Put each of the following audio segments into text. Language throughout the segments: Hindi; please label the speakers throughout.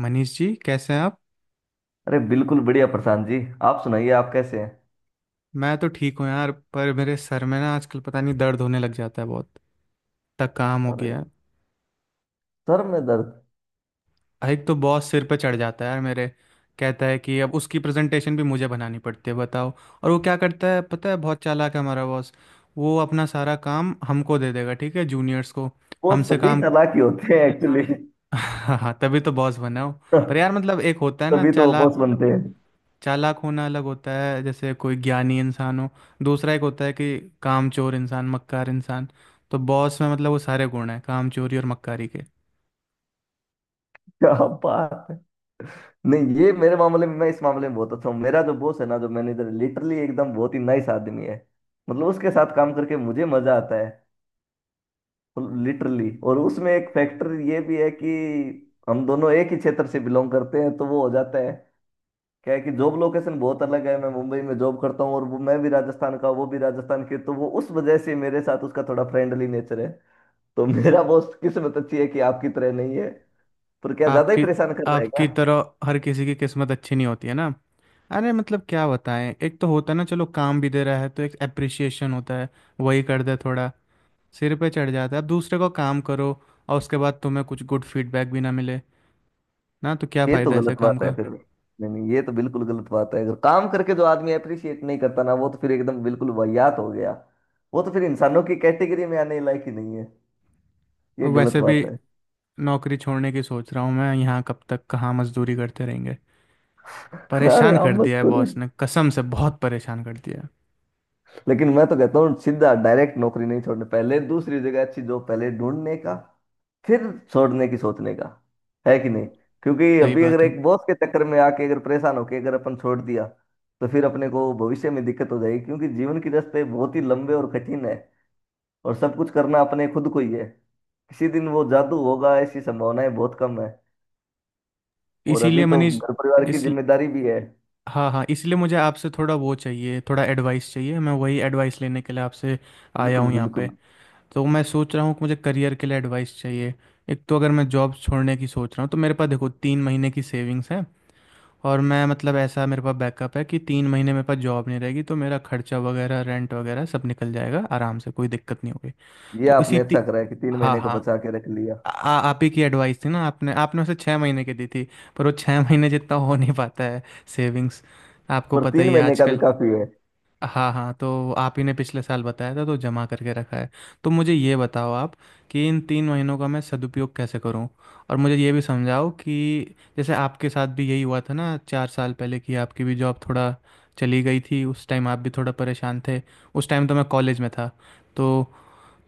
Speaker 1: मनीष जी, कैसे हैं आप?
Speaker 2: अरे बिल्कुल बढ़िया प्रशांत जी। आप सुनाइए, आप कैसे हैं?
Speaker 1: मैं तो ठीक हूँ यार, पर मेरे सर में ना आजकल पता नहीं दर्द होने लग जाता है बहुत तक काम हो
Speaker 2: अरे,
Speaker 1: गया
Speaker 2: सर में दर्द?
Speaker 1: है। एक तो बॉस सिर पे चढ़ जाता है यार मेरे, कहता है कि अब उसकी प्रेजेंटेशन भी मुझे बनानी पड़ती है, बताओ। और वो क्या करता है पता है? बहुत चालाक है हमारा बॉस। वो अपना सारा काम हमको दे देगा, ठीक है, जूनियर्स को।
Speaker 2: वो
Speaker 1: हमसे
Speaker 2: सभी
Speaker 1: काम
Speaker 2: चालाकी होते हैं एक्चुअली
Speaker 1: हाँ, तभी तो बॉस बना हो। पर यार मतलब, एक होता है ना
Speaker 2: तभी तो वो बॉस
Speaker 1: चालाक,
Speaker 2: बनते हैं।
Speaker 1: चालाक होना अलग होता है, जैसे कोई ज्ञानी इंसान हो। दूसरा एक होता है कि कामचोर इंसान, मक्कार इंसान। तो बॉस में मतलब वो सारे गुण हैं कामचोरी और मक्कारी के।
Speaker 2: क्या बात है। नहीं, ये मेरे मामले में, मैं इस मामले में बहुत अच्छा हूँ। मेरा जो बॉस है ना, जो मैनेजर, लिटरली एकदम बहुत ही नाइस आदमी है। मतलब उसके साथ काम करके मुझे मजा आता है लिटरली। और उसमें एक फैक्टर ये भी है कि हम दोनों एक ही क्षेत्र से बिलोंग करते हैं, तो वो हो जाता है। क्या है कि जॉब लोकेशन बहुत अलग है, मैं मुंबई में जॉब करता हूँ, और वो, मैं भी राजस्थान का, वो भी राजस्थान के, तो वो उस वजह से मेरे साथ उसका थोड़ा फ्रेंडली नेचर है। तो मेरा बॉस, किस्मत अच्छी है कि आपकी तरह नहीं है। पर क्या ज्यादा ही
Speaker 1: आपकी
Speaker 2: परेशान कर रहा है क्या?
Speaker 1: आपकी तरह हर किसी की किस्मत अच्छी नहीं होती है ना। अरे मतलब क्या बताएं, एक तो होता है ना, चलो काम भी दे रहा है तो एक अप्रिसिएशन होता है, वही कर दे थोड़ा। सिर पे चढ़ जाता है, अब दूसरे को काम करो, और उसके बाद तुम्हें कुछ गुड फीडबैक भी ना मिले, ना, तो क्या
Speaker 2: ये तो
Speaker 1: फ़ायदा ऐसे
Speaker 2: गलत
Speaker 1: काम
Speaker 2: बात है
Speaker 1: का।
Speaker 2: फिर। नहीं नहीं, ये तो बिल्कुल गलत बात है। अगर काम करके जो आदमी अप्रिशिएट नहीं करता ना, वो तो फिर एकदम बिल्कुल वाहियात हो गया। वो तो फिर इंसानों की कैटेगरी में आने लायक ही नहीं है।
Speaker 1: और
Speaker 2: ये गलत
Speaker 1: वैसे भी
Speaker 2: बात है।
Speaker 1: नौकरी छोड़ने की सोच रहा हूँ मैं, यहाँ कब तक कहाँ मजदूरी करते रहेंगे।
Speaker 2: अरे
Speaker 1: परेशान
Speaker 2: हम
Speaker 1: कर
Speaker 2: मत
Speaker 1: दिया है
Speaker 2: करो।
Speaker 1: बॉस ने, कसम से बहुत परेशान कर दिया है।
Speaker 2: लेकिन मैं तो कहता हूँ, सीधा डायरेक्ट नौकरी नहीं छोड़ने, पहले दूसरी जगह अच्छी जॉब पहले ढूंढने का। फिर छोड़ने की सोचने का। है कि नहीं? क्योंकि
Speaker 1: सही
Speaker 2: अभी अगर
Speaker 1: बात है।
Speaker 2: एक बॉस के चक्कर में आके, अगर परेशान होके अगर अपन छोड़ दिया, तो फिर अपने को भविष्य में दिक्कत हो जाएगी। क्योंकि जीवन के रास्ते बहुत ही लंबे और कठिन है। और सब कुछ करना अपने खुद को ही है। किसी दिन वो जादू होगा, ऐसी संभावनाएं बहुत कम है। और अभी
Speaker 1: इसीलिए
Speaker 2: तो
Speaker 1: मनीष,
Speaker 2: घर परिवार की
Speaker 1: इस
Speaker 2: जिम्मेदारी भी है।
Speaker 1: हाँ हाँ, इसलिए मुझे आपसे थोड़ा वो चाहिए, थोड़ा एडवाइस चाहिए, मैं वही एडवाइस लेने के लिए आपसे आया
Speaker 2: बिल्कुल
Speaker 1: हूँ यहाँ पे।
Speaker 2: बिल्कुल।
Speaker 1: तो मैं सोच रहा हूँ कि मुझे करियर के लिए एडवाइस चाहिए। एक तो अगर मैं जॉब छोड़ने की सोच रहा हूँ तो मेरे पास देखो 3 महीने की सेविंग्स है। और मैं मतलब, ऐसा मेरे पास बैकअप है कि 3 महीने नहीं रहेगी तो मेरा खर्चा वगैरह, रेंट वगैरह सब निकल जाएगा आराम से, कोई दिक्कत नहीं होगी।
Speaker 2: ये
Speaker 1: तो इसी
Speaker 2: आपने अच्छा
Speaker 1: ती...
Speaker 2: करा है कि तीन
Speaker 1: हाँ
Speaker 2: महीने का
Speaker 1: हाँ,
Speaker 2: बचा के रख लिया।
Speaker 1: आ, आ- आप ही की एडवाइस थी ना, आपने आपने उसे 6 महीने। पर वो 6 महीने हो नहीं पाता है सेविंग्स, आपको
Speaker 2: पर
Speaker 1: पता
Speaker 2: तीन
Speaker 1: ही है
Speaker 2: महीने का भी
Speaker 1: आजकल।
Speaker 2: काफी है।
Speaker 1: हाँ हाँ, तो आप ही ने पिछले साल बताया था, तो जमा करके रखा है। तो मुझे ये बताओ आप, कि इन 3 महीनों का मैं सदुपयोग कैसे करूं। और मुझे ये भी समझाओ कि जैसे आपके साथ भी यही हुआ था ना 4 साल पहले, कि आपकी भी जॉब थोड़ा चली गई थी, उस टाइम आप भी थोड़ा परेशान थे, उस टाइम तो मैं कॉलेज में था। तो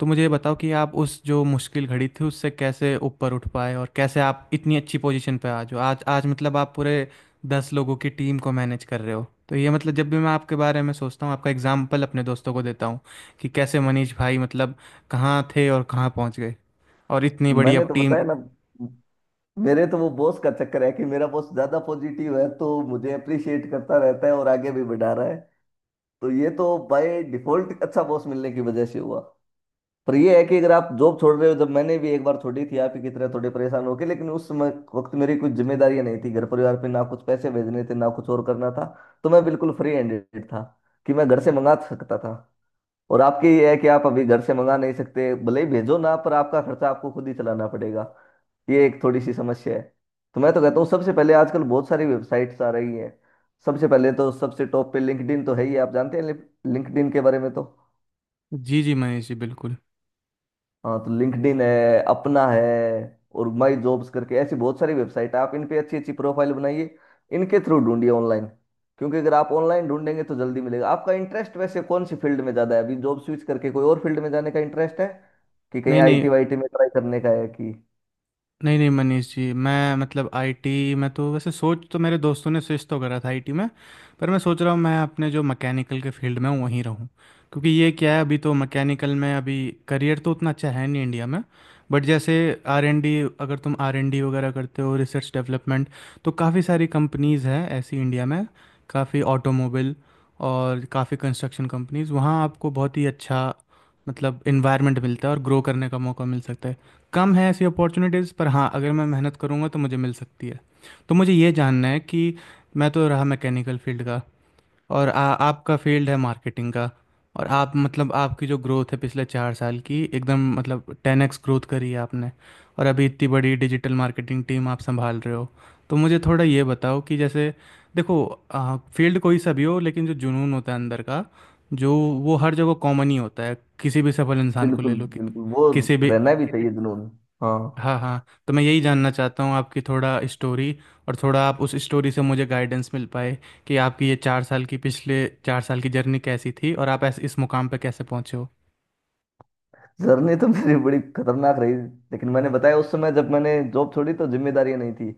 Speaker 1: तो मुझे ये बताओ कि आप उस जो मुश्किल घड़ी थी उससे कैसे ऊपर उठ पाए, और कैसे आप इतनी अच्छी पोजीशन पे आज हो, आज, मतलब आप पूरे 10 लोगों की टीम को मैनेज कर रहे हो। तो ये मतलब, जब भी मैं आपके बारे में सोचता हूँ, आपका एग्जाम्पल अपने दोस्तों को देता हूँ, कि कैसे मनीष भाई मतलब कहाँ थे और कहाँ पहुँच गए, और इतनी बड़ी अब
Speaker 2: मैंने तो
Speaker 1: टीम।
Speaker 2: बताया ना, मेरे तो वो बॉस का चक्कर है कि मेरा बॉस ज्यादा पॉजिटिव है, तो मुझे अप्रिशिएट करता रहता है और आगे भी बढ़ा रहा है। तो ये तो बाय डिफॉल्ट अच्छा बॉस मिलने की वजह से हुआ। पर ये है कि अगर आप जॉब छोड़ रहे हो, जब मैंने भी एक बार छोड़ी थी आप ही की तरह थोड़े परेशान होके, लेकिन उस समय वक्त मेरी कुछ जिम्मेदारियां नहीं थी घर परिवार पे, ना कुछ पैसे भेजने थे ना कुछ और करना था। तो मैं बिल्कुल फ्री हैंडेड था कि मैं घर से मंगा सकता था। और आपके ये है कि आप अभी घर से मंगा नहीं सकते, भले ही भेजो ना, पर आपका खर्चा आपको खुद ही चलाना पड़ेगा। ये एक थोड़ी सी समस्या है। तो मैं तो कहता हूँ, सबसे पहले, आजकल बहुत सारी वेबसाइट्स आ रही हैं। सबसे पहले तो सबसे टॉप पे लिंक्डइन तो है ही, आप जानते हैं लिंक्डइन के बारे में तो।
Speaker 1: जी जी मनीष जी, बिल्कुल।
Speaker 2: हाँ, तो लिंक्डइन है अपना है। और माई जॉब्स करके ऐसी बहुत सारी वेबसाइट है, आप इन पे अच्छी अच्छी प्रोफाइल बनाइए, इनके थ्रू ढूंढिए ऑनलाइन। क्योंकि अगर आप ऑनलाइन ढूंढेंगे तो जल्दी मिलेगा। आपका इंटरेस्ट वैसे कौन सी फील्ड में ज़्यादा है? अभी जॉब स्विच करके कोई और फील्ड में जाने का इंटरेस्ट है, कि कहीं
Speaker 1: नहीं नहीं,
Speaker 2: आईटी वाईटी में ट्राई करने का है कि?
Speaker 1: नहीं नहीं मनीष जी, मैं मतलब आईटी में तो वैसे, सोच तो मेरे दोस्तों ने स्विच तो करा था आईटी में, पर मैं सोच रहा हूँ मैं अपने जो मैकेनिकल के फील्ड में हूँ वहीं रहूँ। क्योंकि ये क्या है, अभी तो मैकेनिकल में अभी करियर तो उतना अच्छा है नहीं इंडिया में, बट जैसे R&D, अगर तुम R&D वगैरह करते हो, रिसर्च डेवलपमेंट, तो काफ़ी सारी कंपनीज़ हैं ऐसी इंडिया में, काफ़ी ऑटोमोबाइल और काफ़ी कंस्ट्रक्शन कंपनीज़, वहाँ आपको बहुत ही अच्छा मतलब इन्वायरमेंट मिलता है और ग्रो करने का मौका मिल सकता है। कम है ऐसी अपॉर्चुनिटीज़, पर हाँ अगर मैं मेहनत करूँगा तो मुझे मिल सकती है। तो मुझे ये जानना है कि मैं तो रहा मैकेनिकल फील्ड का, और आपका फील्ड है मार्केटिंग का, और आप मतलब आपकी जो ग्रोथ है पिछले 4 साल की, एकदम मतलब 10x ग्रोथ करी है आपने, और अभी इतनी बड़ी डिजिटल मार्केटिंग टीम आप संभाल रहे हो। तो मुझे थोड़ा ये बताओ कि जैसे, देखो, फील्ड कोई सा भी हो, लेकिन जो जुनून होता है अंदर का, जो वो हर जगह कॉमन ही होता है, किसी भी सफल इंसान को ले
Speaker 2: बिल्कुल
Speaker 1: लो,
Speaker 2: बिल्कुल, वो
Speaker 1: किसी भी।
Speaker 2: रहना भी चाहिए जुनून। हाँ।
Speaker 1: हाँ हाँ, तो मैं यही जानना चाहता हूँ आपकी थोड़ा स्टोरी, और थोड़ा आप उस स्टोरी से मुझे गाइडेंस मिल पाए, कि आपकी ये चार साल की पिछले चार साल की जर्नी कैसी थी और आप ऐसे इस मुकाम पे कैसे पहुँचे हो।
Speaker 2: जर्नी तो मेरी बड़ी खतरनाक रही। लेकिन मैंने बताया, उस समय जब मैंने जॉब छोड़ी तो जिम्मेदारियां नहीं थी।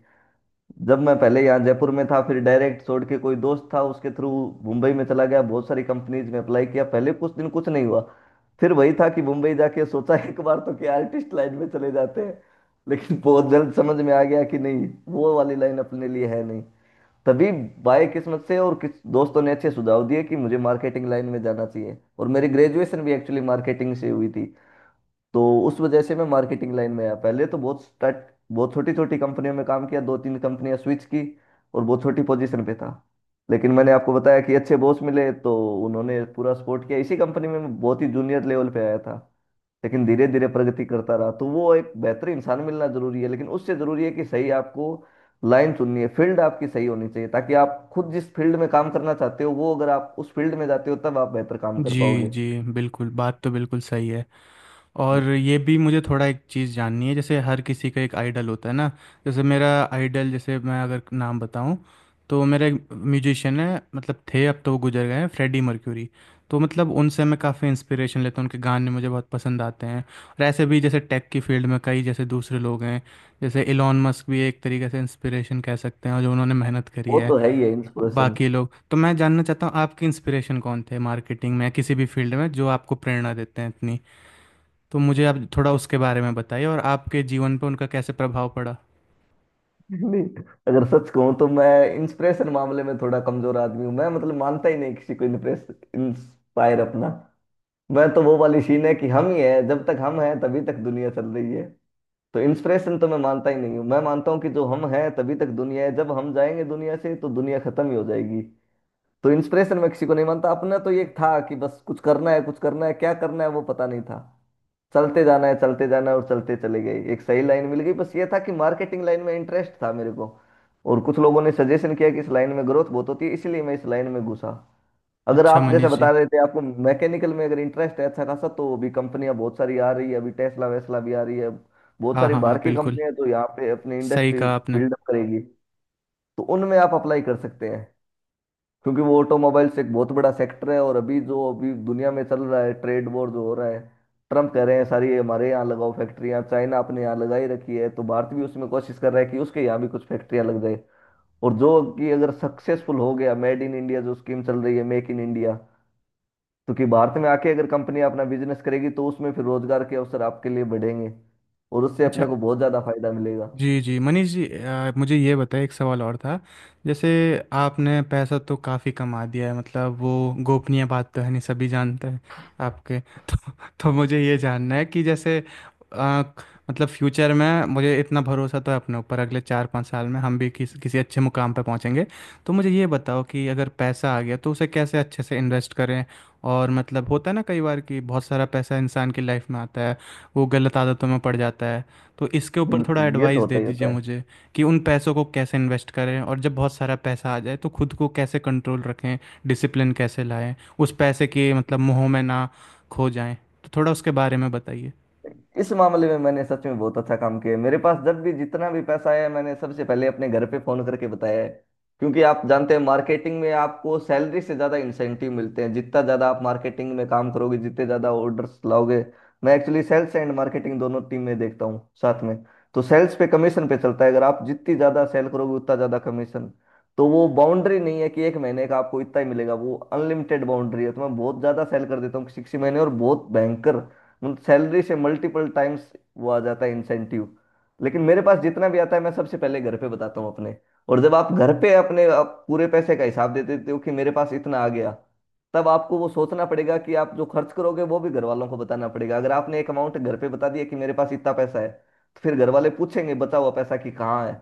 Speaker 2: जब मैं पहले यहाँ जयपुर में था, फिर डायरेक्ट छोड़ के कोई दोस्त था उसके थ्रू मुंबई में चला गया, बहुत सारी कंपनीज में अप्लाई किया, पहले कुछ दिन कुछ नहीं हुआ। फिर वही था कि मुंबई जाके सोचा एक बार तो क्या आर्टिस्ट लाइन में चले जाते हैं। लेकिन बहुत जल्द समझ में आ गया कि नहीं, वो वाली लाइन अपने लिए है नहीं। तभी बाय किस्मत से और किस दोस्तों ने अच्छे सुझाव दिए कि मुझे मार्केटिंग लाइन में जाना चाहिए, और मेरी ग्रेजुएशन भी एक्चुअली मार्केटिंग से हुई थी। तो उस वजह से मैं मार्केटिंग लाइन में आया। पहले तो बहुत छोटी छोटी कंपनियों में काम किया, दो तीन कंपनियां स्विच की, और बहुत छोटी पोजीशन पे था। लेकिन मैंने आपको बताया कि अच्छे बॉस मिले, तो उन्होंने पूरा सपोर्ट किया। इसी कंपनी में मैं बहुत ही जूनियर लेवल पे आया था, लेकिन धीरे धीरे प्रगति करता रहा। तो वो, एक बेहतर इंसान मिलना जरूरी है, लेकिन उससे जरूरी है कि सही आपको लाइन चुननी है, फील्ड आपकी सही होनी चाहिए, ताकि आप खुद जिस फील्ड में काम करना चाहते हो, वो, अगर आप उस फील्ड में जाते हो, तब आप बेहतर काम कर
Speaker 1: जी
Speaker 2: पाओगे।
Speaker 1: जी, बिल्कुल, बात तो बिल्कुल सही है। और ये भी मुझे थोड़ा एक चीज़ जाननी है, जैसे हर किसी का एक आइडल होता है ना, जैसे मेरा आइडल, जैसे मैं अगर नाम बताऊं, तो मेरा एक म्यूजिशियन है, मतलब थे, अब तो वो गुजर गए हैं, फ्रेडी मर्क्यूरी। तो मतलब उनसे मैं काफ़ी इंस्पिरेशन लेता हूँ, उनके गाने मुझे बहुत पसंद आते हैं। और ऐसे भी जैसे टेक की फील्ड में कई जैसे दूसरे लोग हैं, जैसे इलॉन मस्क भी एक तरीके से इंस्पिरेशन कह सकते हैं, और जो उन्होंने मेहनत करी
Speaker 2: वो
Speaker 1: है।
Speaker 2: तो है ही है
Speaker 1: और
Speaker 2: इंस्पिरेशन।
Speaker 1: बाकी लोग, तो मैं जानना चाहता हूँ आपकी इंस्पिरेशन कौन थे मार्केटिंग में या किसी भी फील्ड में जो आपको प्रेरणा देते हैं इतनी। तो मुझे आप थोड़ा उसके बारे में बताइए, और आपके जीवन पर उनका कैसे प्रभाव पड़ा।
Speaker 2: नहीं, अगर सच कहूं तो मैं इंस्पिरेशन मामले में थोड़ा कमजोर आदमी हूं। मैं मतलब मानता ही नहीं किसी को इंप्रेस इंस्पायर अपना। मैं तो, वो वाली सीन है कि हम ही है, जब तक हम हैं तभी तक दुनिया चल रही है। तो इंस्पिरेशन तो मैं मानता ही नहीं हूँ। मैं मानता हूँ कि जो हम हैं तभी तक दुनिया है, जब हम जाएंगे दुनिया से तो दुनिया खत्म ही हो जाएगी। तो इंस्पिरेशन मैं किसी को नहीं मानता। अपना तो ये था कि बस कुछ करना है, कुछ करना है, क्या करना है वो पता नहीं था। चलते जाना है, चलते जाना है, और चलते चले गए एक सही लाइन मिल गई। बस ये था कि मार्केटिंग लाइन में इंटरेस्ट था मेरे को, और कुछ लोगों ने सजेशन किया कि इस लाइन में ग्रोथ बहुत होती है, इसलिए मैं इस लाइन में घुसा। अगर
Speaker 1: अच्छा
Speaker 2: आप जैसे
Speaker 1: मनीष जी।
Speaker 2: बता रहे थे आपको मैकेनिकल में अगर इंटरेस्ट है अच्छा खासा, तो अभी कंपनियां बहुत सारी आ रही है, अभी टेस्ला वेस्ला भी आ रही है, बहुत
Speaker 1: हाँ
Speaker 2: सारी
Speaker 1: हाँ
Speaker 2: बाहर
Speaker 1: हाँ
Speaker 2: की
Speaker 1: बिल्कुल,
Speaker 2: कंपनियां हैं, तो यहाँ पे अपनी
Speaker 1: सही
Speaker 2: इंडस्ट्री
Speaker 1: कहा आपने।
Speaker 2: बिल्डअप करेगी, तो उनमें आप अप्लाई कर सकते हैं। क्योंकि वो ऑटोमोबाइल्स एक बहुत बड़ा सेक्टर है। और अभी जो अभी दुनिया में चल रहा है ट्रेड वॉर जो हो रहा है, ट्रम्प कह रहे हैं सारी हमारे यहाँ लगाओ फैक्ट्रियाँ, चाइना अपने यहाँ लगाई रखी है, तो भारत भी उसमें कोशिश कर रहा है कि उसके यहाँ भी कुछ फैक्ट्रियाँ लग जाए। और जो, कि अगर सक्सेसफुल हो गया मेड इन इंडिया जो स्कीम चल रही है, मेक इन इंडिया, तो कि भारत में आके अगर कंपनी अपना बिजनेस करेगी, तो उसमें फिर रोजगार के अवसर आपके लिए बढ़ेंगे। और उससे
Speaker 1: अच्छा,
Speaker 2: अपने को बहुत ज्यादा फायदा मिलेगा।
Speaker 1: जी जी मनीष जी, मुझे ये बताइए, एक सवाल और था। जैसे, आपने पैसा तो काफ़ी कमा दिया है, मतलब वो गोपनीय बात तो है नहीं, सभी जानते हैं आपके। तो, मुझे ये जानना है कि जैसे, अ, मतलब फ्यूचर में मुझे इतना भरोसा तो है अपने ऊपर, अगले 4-5 साल में हम भी किसी अच्छे मुकाम पर पहुंचेंगे। तो मुझे ये बताओ कि अगर पैसा आ गया तो उसे कैसे अच्छे से इन्वेस्ट करें। और मतलब होता है ना कई बार कि बहुत सारा पैसा इंसान की लाइफ में आता है, वो गलत आदतों में पड़ जाता है। तो इसके ऊपर थोड़ा
Speaker 2: बिल्कुल, ये तो
Speaker 1: एडवाइस दे
Speaker 2: होता ही
Speaker 1: दीजिए
Speaker 2: होता है।
Speaker 1: मुझे, कि उन पैसों को कैसे इन्वेस्ट करें, और जब बहुत सारा पैसा आ जाए तो खुद को कैसे कंट्रोल रखें, डिसिप्लिन कैसे लाएं, उस पैसे के मतलब मोह में ना खो जाएं, तो थोड़ा उसके बारे में बताइए।
Speaker 2: इस मामले में मैंने सच में बहुत अच्छा काम किया है। मेरे पास जब भी जितना भी पैसा आया, मैंने सबसे पहले अपने घर पे फोन करके बताया है। क्योंकि आप जानते हैं, मार्केटिंग में आपको सैलरी से ज्यादा इंसेंटिव मिलते हैं, जितना ज्यादा आप मार्केटिंग में काम करोगे, जितने ज्यादा ऑर्डर्स लाओगे। मैं एक्चुअली सेल्स एंड मार्केटिंग दोनों टीम में देखता हूँ साथ में। तो सेल्स पे कमीशन पे चलता है, अगर आप जितनी ज्यादा सेल करोगे उतना ज्यादा कमीशन। तो वो बाउंड्री नहीं है कि एक महीने का आपको इतना ही मिलेगा, वो अनलिमिटेड बाउंड्री है। तो मैं बहुत ज्यादा सेल कर देता हूँ किसी किसी महीने, और बहुत भयंकर, सैलरी से मल्टीपल टाइम्स वो आ जाता है इंसेंटिव। लेकिन मेरे पास जितना भी आता है, मैं सबसे पहले घर पे बताता हूँ अपने। और जब आप घर पे अपने आप पूरे पैसे का हिसाब दे देते हो कि मेरे पास इतना आ गया, तब आपको वो सोचना पड़ेगा कि आप जो खर्च करोगे वो भी घर वालों को बताना पड़ेगा। अगर आपने एक अमाउंट घर पे बता दिया कि मेरे पास इतना पैसा है, तो फिर घर वाले पूछेंगे बचा हुआ पैसा कि कहाँ है,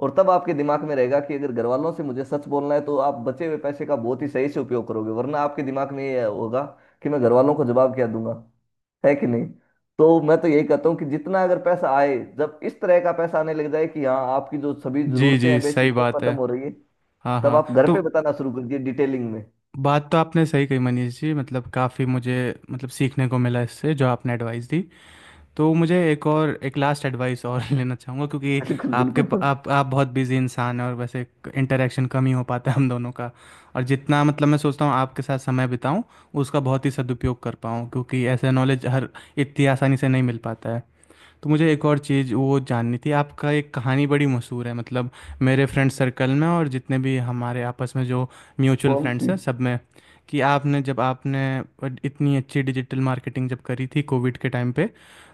Speaker 2: और तब आपके दिमाग में रहेगा कि अगर घर वालों से मुझे सच बोलना है, तो आप बचे हुए पैसे का बहुत ही सही से उपयोग करोगे, वरना आपके दिमाग में ये होगा कि मैं घर वालों को जवाब क्या दूंगा। है कि नहीं? तो मैं तो यही कहता हूँ कि जितना अगर पैसा आए, जब इस तरह का पैसा आने लग जाए कि हाँ आपकी जो सभी
Speaker 1: जी
Speaker 2: जरूरतें
Speaker 1: जी
Speaker 2: हैं बेसिक
Speaker 1: सही
Speaker 2: वो
Speaker 1: बात है।
Speaker 2: खत्म हो रही है,
Speaker 1: हाँ
Speaker 2: तब
Speaker 1: हाँ
Speaker 2: आप घर
Speaker 1: तो,
Speaker 2: पे बताना शुरू कर दिए डिटेलिंग में।
Speaker 1: बात तो आपने सही कही मनीष जी, मतलब काफ़ी मुझे मतलब सीखने को मिला इससे, जो आपने एडवाइस दी। तो मुझे एक और, एक लास्ट एडवाइस और लेना चाहूँगा, क्योंकि
Speaker 2: बिल्कुल
Speaker 1: आपके
Speaker 2: बिल्कुल सर।
Speaker 1: आप बहुत बिजी इंसान हैं, और वैसे इंटरेक्शन कम ही हो पाता है हम दोनों का, और जितना मतलब मैं सोचता हूँ आपके साथ समय बिताऊँ उसका बहुत ही सदुपयोग कर पाऊँ, क्योंकि ऐसा नॉलेज हर इतनी आसानी से नहीं मिल पाता है। तो मुझे एक और चीज़ वो जाननी थी, आपका एक कहानी बड़ी मशहूर है, मतलब मेरे फ्रेंड सर्कल में और जितने भी हमारे आपस में जो म्यूचुअल
Speaker 2: कौन
Speaker 1: फ्रेंड्स
Speaker 2: सी?
Speaker 1: हैं सब में, कि आपने जब आपने इतनी अच्छी डिजिटल मार्केटिंग जब करी थी कोविड के टाइम पे,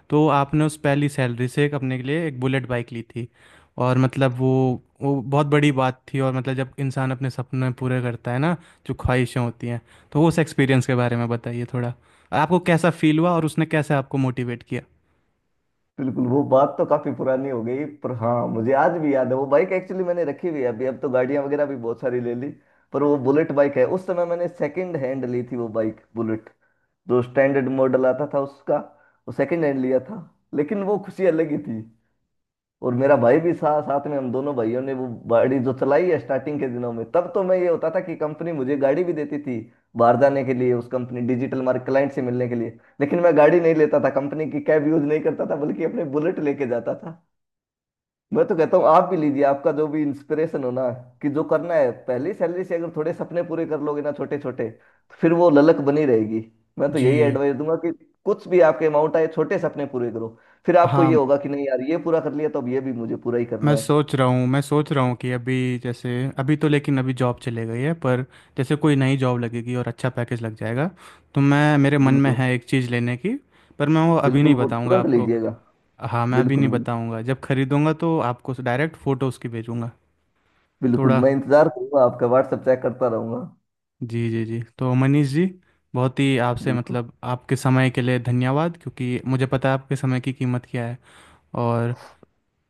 Speaker 1: तो आपने उस पहली सैलरी से एक अपने के लिए एक बुलेट बाइक ली थी, और मतलब वो बहुत बड़ी बात थी। और मतलब जब इंसान अपने सपने पूरे करता है ना, जो ख्वाहिशें होती हैं, तो उस एक्सपीरियंस के बारे में बताइए थोड़ा, आपको कैसा फील हुआ और उसने कैसे आपको मोटिवेट किया।
Speaker 2: बिल्कुल, वो बात तो काफी पुरानी हो गई, पर हाँ मुझे आज भी याद है। वो बाइक एक्चुअली मैंने रखी हुई है अभी, अब तो गाड़ियां वगैरह भी बहुत सारी ले ली, पर वो बुलेट बाइक है। उस समय मैंने सेकंड हैंड ली थी वो बाइक बुलेट, जो स्टैंडर्ड मॉडल आता था उसका, वो सेकंड हैंड लिया था। लेकिन वो खुशी अलग ही थी। और मेरा भाई भी साथ साथ में, हम दोनों भाइयों ने वो गाड़ी जो चलाई है स्टार्टिंग के दिनों में। तब तो मैं ये होता था कि कंपनी मुझे गाड़ी भी देती थी बाहर जाने के लिए, उस कंपनी डिजिटल मार्केट क्लाइंट से मिलने के लिए, लेकिन मैं गाड़ी नहीं लेता था, कंपनी की कैब यूज नहीं करता था, बल्कि अपने बुलेट लेके जाता था। मैं तो कहता हूँ आप भी लीजिए, आपका जो भी इंस्पिरेशन हो ना, कि जो करना है, पहली सैलरी से अगर थोड़े सपने पूरे कर लोगे ना छोटे छोटे, तो फिर वो ललक बनी रहेगी। मैं तो यही
Speaker 1: जी।
Speaker 2: एडवाइस दूंगा कि कुछ भी आपके अमाउंट आए, छोटे सपने पूरे करो। फिर आपको ये
Speaker 1: हाँ,
Speaker 2: होगा कि नहीं यार, ये पूरा कर लिया तो अब ये भी मुझे पूरा ही करना है।
Speaker 1: मैं सोच रहा हूँ कि अभी, जैसे, अभी तो, लेकिन अभी जॉब चले गई है, पर जैसे कोई नई जॉब लगेगी और अच्छा पैकेज लग जाएगा, तो मैं मेरे मन में
Speaker 2: बिल्कुल
Speaker 1: है एक चीज़ लेने की, पर मैं वो अभी
Speaker 2: बिल्कुल,
Speaker 1: नहीं
Speaker 2: वो
Speaker 1: बताऊँगा
Speaker 2: तुरंत
Speaker 1: आपको।
Speaker 2: लीजिएगा।
Speaker 1: हाँ मैं अभी
Speaker 2: बिल्कुल
Speaker 1: नहीं
Speaker 2: बिल्कुल।
Speaker 1: बताऊँगा, जब खरीदूँगा तो आपको डायरेक्ट फ़ोटो उसकी भेजूँगा।
Speaker 2: बिल्कुल,
Speaker 1: थोड़ा,
Speaker 2: मैं इंतजार करूंगा, आपका व्हाट्सएप चेक करता रहूंगा।
Speaker 1: जी जी जी, तो मनीष जी, बहुत ही आपसे
Speaker 2: बिल्कुल।
Speaker 1: मतलब आपके समय के लिए धन्यवाद, क्योंकि मुझे पता है आपके समय की कीमत क्या है। और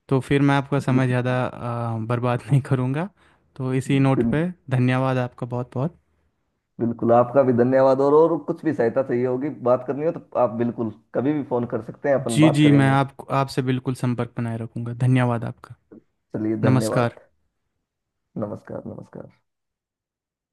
Speaker 1: तो फिर मैं आपका समय
Speaker 2: बिल्कुल।
Speaker 1: ज़्यादा बर्बाद नहीं करूँगा। तो इसी नोट
Speaker 2: बिल्कुल
Speaker 1: पे धन्यवाद आपका बहुत बहुत।
Speaker 2: बिल्कुल आपका भी धन्यवाद। और कुछ भी सहायता चाहिए होगी, बात करनी हो, तो आप बिल्कुल कभी भी फोन कर सकते हैं, अपन
Speaker 1: जी
Speaker 2: बात
Speaker 1: जी, मैं
Speaker 2: करेंगे।
Speaker 1: आप आपसे बिल्कुल संपर्क बनाए रखूँगा, धन्यवाद आपका।
Speaker 2: चलिए,
Speaker 1: नमस्कार।
Speaker 2: धन्यवाद। नमस्कार। नमस्कार